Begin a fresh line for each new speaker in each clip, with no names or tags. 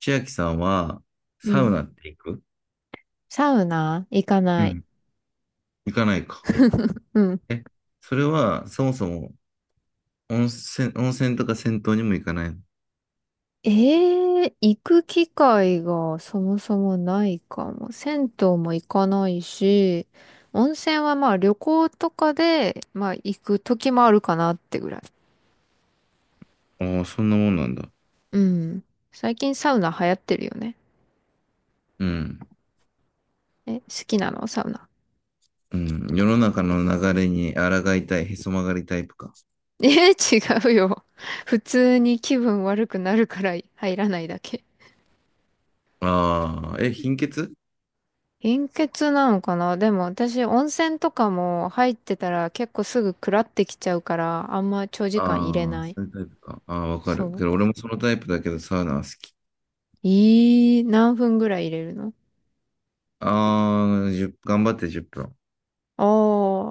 千秋さんは、
う
サウ
ん。
ナって行く？
サウナ行か
う
ない。
ん行かないか。
うん。
え、それは、そもそも、温泉とか銭湯にも行かないの？
ええ、行く機会がそもそもないかも。銭湯も行かないし、温泉はまあ旅行とかで、まあ行く時もあるかなってぐらい。
ああ、そんなもんなんだ。
うん。最近サウナ流行ってるよね。
うん。
え、好きなの、サウナ。
うん。世の中の流れに抗いたい、へそ曲がりタイプか。
え、違うよ。普通に気分悪くなるから入らないだけ。
ああ、え、貧血？
貧血なのかな、でも私温泉とかも入ってたら結構すぐくらってきちゃうから、あんま長時間入れ
ああ、
ない。
そういうタイプか。ああ、わか
そ
る。け
う。
ど、俺もそのタイプだけど、サウナは好き。
ええ、何分ぐらい入れるの？
ああ、1頑張って10分。
ああ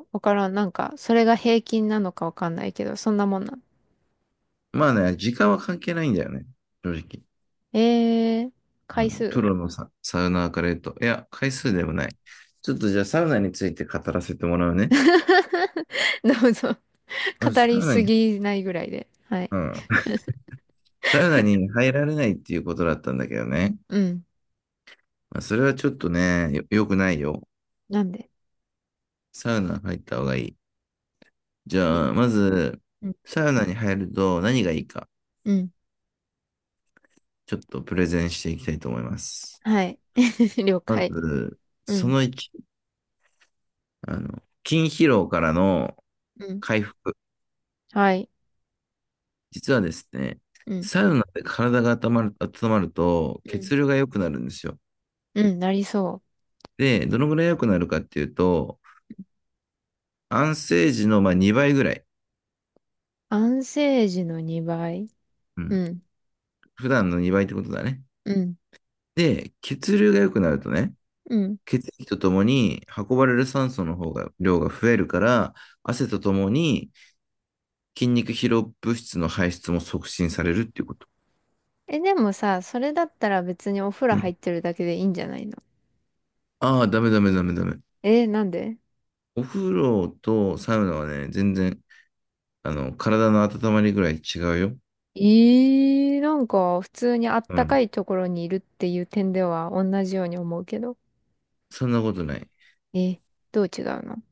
ー、わからん。なんか、それが平均なのかわかんないけど、そんなもんなん。
まあね、時間は関係ないんだよね。正直。
ええ、
う
回
ん、プ
数？
ロのサウナーから言うと、いや、回数でもない。ちょっとじゃあサウナについて語らせてもらうね。
どうぞ。
まず
語
サ
り
ウナ
す
に、
ぎないぐらいで。はい。
うん。サウナに入られないっていうことだったんだけどね。
うん。
まあ、それはちょっとね、良くないよ。
なんで？
サウナ入った方がいい。じ
い
ゃあ、まず、
うん。
サウナに入ると何がいいか、
うん。
ちょっとプレゼンしていきたいと思います。
はい。了
ま
解。
ず、
う
そ
ん。
の1、筋疲労からの
うん。
回復。
はい。
実はですね、
うん。
サウナで体が温まる、温まると
うん。
血流が良くなるんですよ。
うん。なりそう。
で、どのぐらい良くなるかっていうと、安静時のまあ2倍ぐらい。
安静時の2倍。
う
う
ん。
ん、
普段の2倍ってことだね。
うん、
で、血流が良くなるとね、
うん。
血液とともに運ばれる酸素の方が、量が増えるから、汗とともに筋肉疲労物質の排出も促進されるっていうこと。
え、でもさ、それだったら別にお風呂
う
入
ん。
ってるだけでいいんじゃないの？
ああ、ダメダメダメダメ。
え、なんで？
お風呂とサウナはね、全然、体の温まりぐらい違うよ。
えー、なんか普通にあっ
う
たか
ん。
いところにいるっていう点では同じように思うけど。
そんなことない。
え、どう違うの？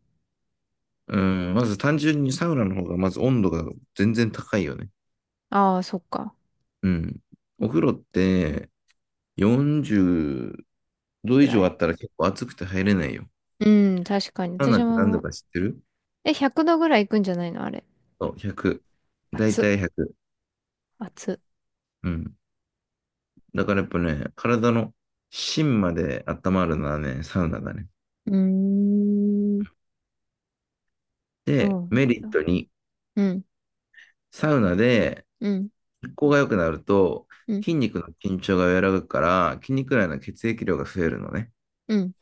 うん。まず単純にサウナの方がまず温度が全然高いよね。
ああー、そっか。
うん。お風呂って40度
ぐ
以
ら
上あっ
い。
たら結構暑くて入れないよ。
うん、確かに。
サウナ
私
って何度
も、
か知ってる？
え、100度ぐらいいくんじゃないの、あれ。
そう、100。だい
熱っ、
たい100。
熱っ。
うん。だからやっぱね、体の芯まで温まるのはね、サウナだね。
うーん、そ
で、
うなん
メリッ
だ。
トに、
うん、
サウナで
うん、
血行が良くなると、
うん、
筋肉の緊張が和らぐから、筋肉内の血液量が増えるのね。
うん。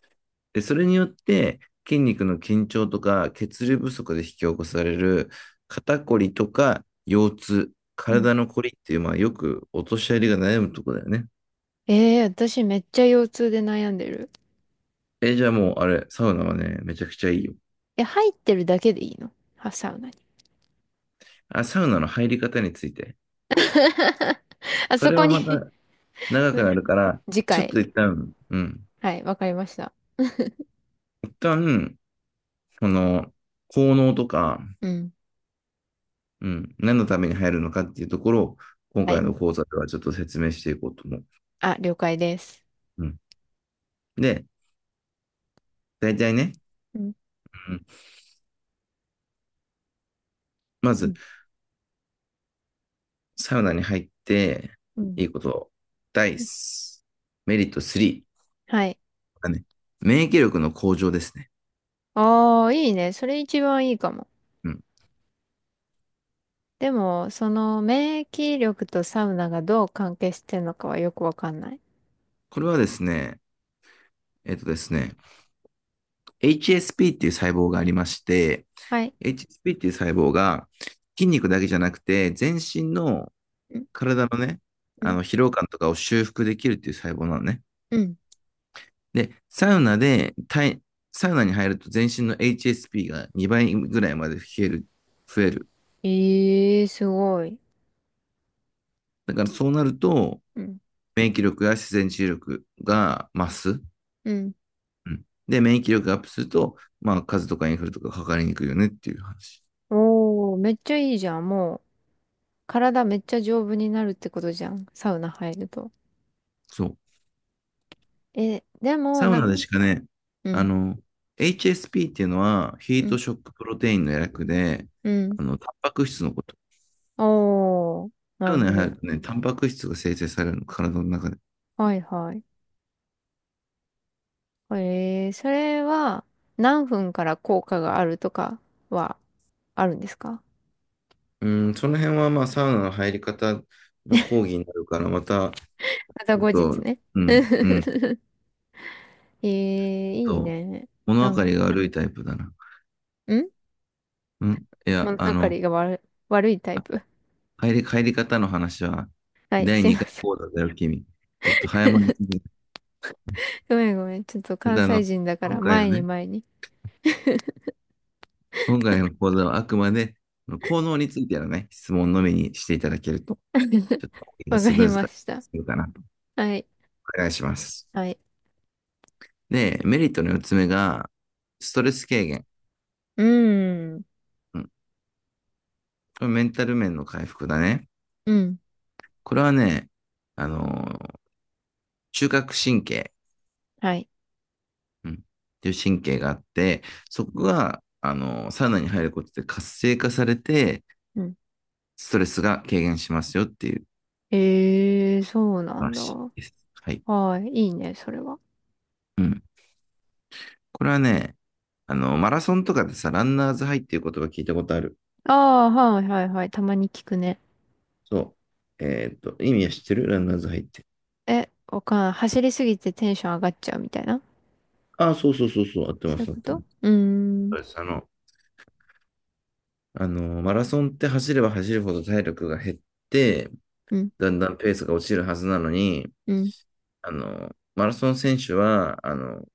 で、それによって筋肉の緊張とか血流不足で引き起こされる肩こりとか腰痛、
うん、
体のこりっていう、まあよくお年寄りが悩むとこだよね。
ええー、私めっちゃ腰痛で悩んでる。
え、じゃあもうあれ、サウナはね、めちゃくちゃいいよ。
え、入ってるだけでいいの？は、サウナに。
あ、サウナの入り方について。
あ
そ
そ
れ
こ
は
に。
また長くなるから、
次
ちょっ
回。
と一旦、うん。
はい、わかりました。
一旦、この、効能とか、
うん。
うん、何のために入るのかっていうところを、今
は
回
い。
の講座ではちょっと説明していこうと思う。
あ、了解です。
うん、で、大体ね、
うん。
うん、ま
う
ず、
ん。
サウナに入って、
うん。
いいこと。ダイス。メリット3。
はい。
がね。免疫力の向上ですね。
ああ、いいね。それ一番いいかも。
うん。
でも、その免疫力とサウナがどう関係してるのかはよくわかんない。
これはですね、えっとですね、HSP っていう細胞がありまして、
はい。
HSP っていう細胞が筋肉だけじゃなくて、全身の
うん。
体のね、
う
あ
ん。
の疲労感とかを修復できるっていう細胞なのね。
うん。
で、サウナで体、サウナに入ると全身の HSP が2倍ぐらいまで増える。増える。
ええー、すごい。
だからそうなると、
うん。
免疫力や自然治癒力が増す。
うん。
うん、で、免疫力がアップすると、まあ、風邪とかインフルとかかかりにくいよねっていう話。
おー、めっちゃいいじゃん、もう。体めっちゃ丈夫になるってことじゃん。サウナ入ると。
そう。
え、でも、
サウ
な
ナ
ん、
でしかね、
う
あ
ん、
の、HSP っていうのは、ヒ
う
ート
ん、
ショックプロテインの略で、
うん。
あの、タンパク質のこと。
おー、な
サウ
る
ナ
ほ
に入
ど。
るとね、タンパク質が生成されるの、体の中で。
はいはい。えー、それは何分から効果があるとかはあるんですか？
うん、その辺は、まあ、サウナの入り方の講義になるから、また、
また
ちょっ
後日
と、
ね。
う ん、うん、ちょ
えー、
っ
いい
と、
ね。
物
な
分
ん、
か
ん、
りが悪いタイプだな。うん、いや、
物
あ
分か
の、
りが悪い、タイプ。
帰り方の話は、
はい、
第
すいま
2回
せ
講
ん。
座だよ、君。ちょっと早まりすぎ。
ごめんごめん。ちょっと
ちょっ
関
とあ
西
の、
人だか
今
ら、
回の
前に
ね、
前に。
今回の講座はあくまで、あの効能についてのね、質問のみにしていただけると、ちょ っと講義が
わか
スム
り
ーズ
ま
化
した。
するかなと。
はい。
お願いします。
はい。
で、メリットの4つ目が、ストレス軽減。
うん。
うん。これメンタル面の回復だね。
うん。
これはね、あの中核神経、
はい。
うん、っていう神経があって、そこが、サウナに入ることで活性化されて、
うん。
ストレスが軽減しますよっていう
ええ、そうなんだ。
話です。はい。
はい。いいね、それは。
うん。これはね、あの、マラソンとかでさ、ランナーズハイっていう言葉聞いたことある？
ああ、はいはいはい。たまに聞くね。
そう。えーっと、意味は知ってるランナーズハイって？
え、わかんない。走りすぎてテンション上がっちゃうみたいな。
ああ、そうそうそうそう、合って
そ
ま
ういう
す、合っ
こ
てま
と？
す。
うーん。
そうです。あの、マラソンって走れば走るほど体力が減って、
うん。
だんだんペースが落ちるはずなのに、
うん。
あの、マラソン選手は、あの、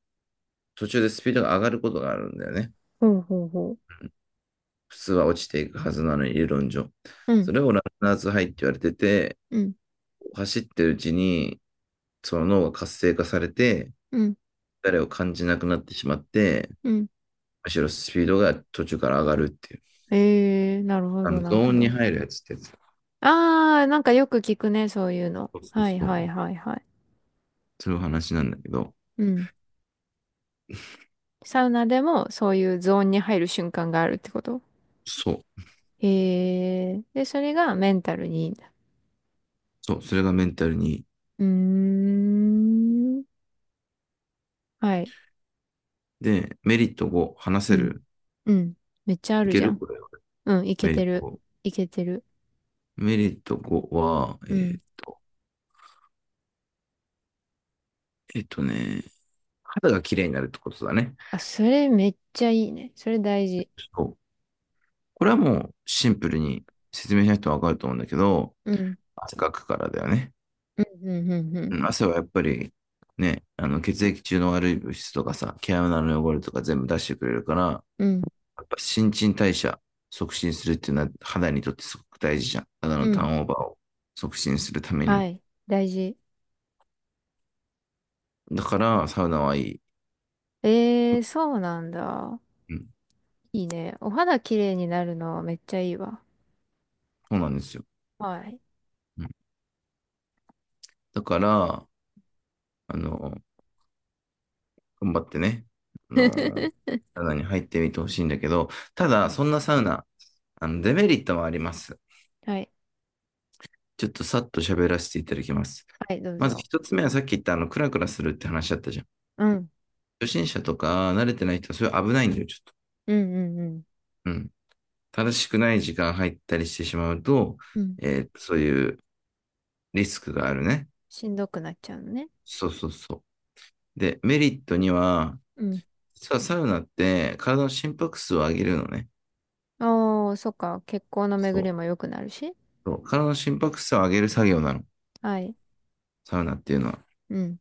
途中でスピードが上がることがあるんだよね。
ほうほうほう。
普通は落ちていくはずなのに、理論上。
うん。
それをランナーズハイって言われてて、
うん。
走ってるうちに、その脳が活性化されて、
うん。
誰を感じなくなってしまって、
うん。
むしろスピードが途中から上がるっていう。
ええ、なるほ
あ
ど、
の、
な
ゾ
るほ
ーンに
ど。
入るやつってやつ。
ああ、なんかよく聞くね、そういうの。
そうそう
はい
そう。
はいはいはい。
そういう話なんだけど、
うん。サウナでもそういうゾーンに入る瞬間があるってこと？
そう。
へえ。で、それがメンタルにいいんだ。
そう、それがメンタルに。
うーん。はい。
で、メリット5、話
う
せ
ん。
る？
うん。めっちゃあ
い
る
け
じゃ
る
ん。
これは。
うん。いけ
メリッ
て
ト
る。
5。
いけてる。
メリット5は、
うん。
えっとね、肌が綺麗になるってことだね。
あ、それめっちゃいいね。それ大事。
そう。これはもうシンプルに説明しないと分かると思うんだけど、
うん。
汗かくからだよね。
うん。うん。うん。
うん、汗はやっぱりね、あの血液中の悪い物質とかさ、毛穴の汚れとか全部出してくれるから、
うん。うん。
やっぱ新陳代謝促進するっていうのは肌にとってすごく大事じゃん。肌
う
のター
ん。
ンオーバーを促進するためにも。
はい。大事。
だから、サウナはいい。
ええ、そうなんだ。
うん、
いいね。お肌きれいになるのめっちゃいいわ。
そうなんですよ。
はい。
うん、だから、あの、頑張ってね、あの、サウナに入ってみてほしいんだけど、ただ、そんなサウナ、あの、デメリットもあります。
はい。
ちょっとさっと喋らせていただきます。
はい、どう
まず
ぞ。
一つ目はさっき言ったあの、クラクラするって話だったじゃん。
うん。
初心者とか慣れてない人はそれ危ないんだよ、ちょっと。
うんうんうん。
うん。正しくない時間入ったりしてしまうと、
うん。
えーそういうリスクがあるね。
しんどくなっちゃうのね。
そうそうそう。で、メリットには、
うん。
実はサウナって体の心拍数を上げるのね。
ああ、そっか。血行の
そ
巡
う。
りも良くなるし。
そう体の心拍数を上げる作業なの。
はい。
サウナっていうのは。
うん。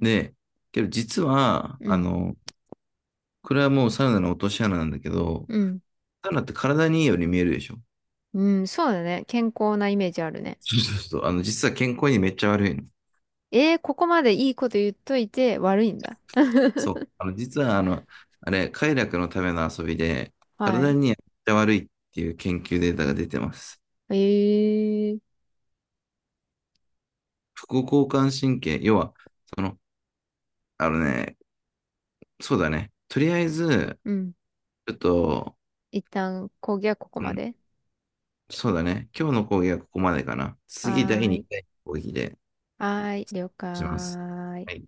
で、けど実は、
う
あ
ん。
の、これはもうサウナの落とし穴なんだけど、
うん。
サウナって体にいいように見えるでしょ。
うん。そうだね。健康なイメージあるね。
そうそうそう。あの、実は健康にめっちゃ悪いの。
えー、ここまでいいこと言っといて悪いんだ。
そう。あの、実はあの、あれ、快楽のための遊びで、
は
体
い。
にめっちゃ悪いっていう研究データが出てます。
ええー。
副交感神経、要は、その、あのね、そうだね。とりあえず、
うん。
ちょっと、
一旦、講義はここ
う
ま
ん、
で。
そうだね。今日の講義はここまでかな。次、
は
第
ーい。
2回の講義で
はーい。了
します。
解。
はい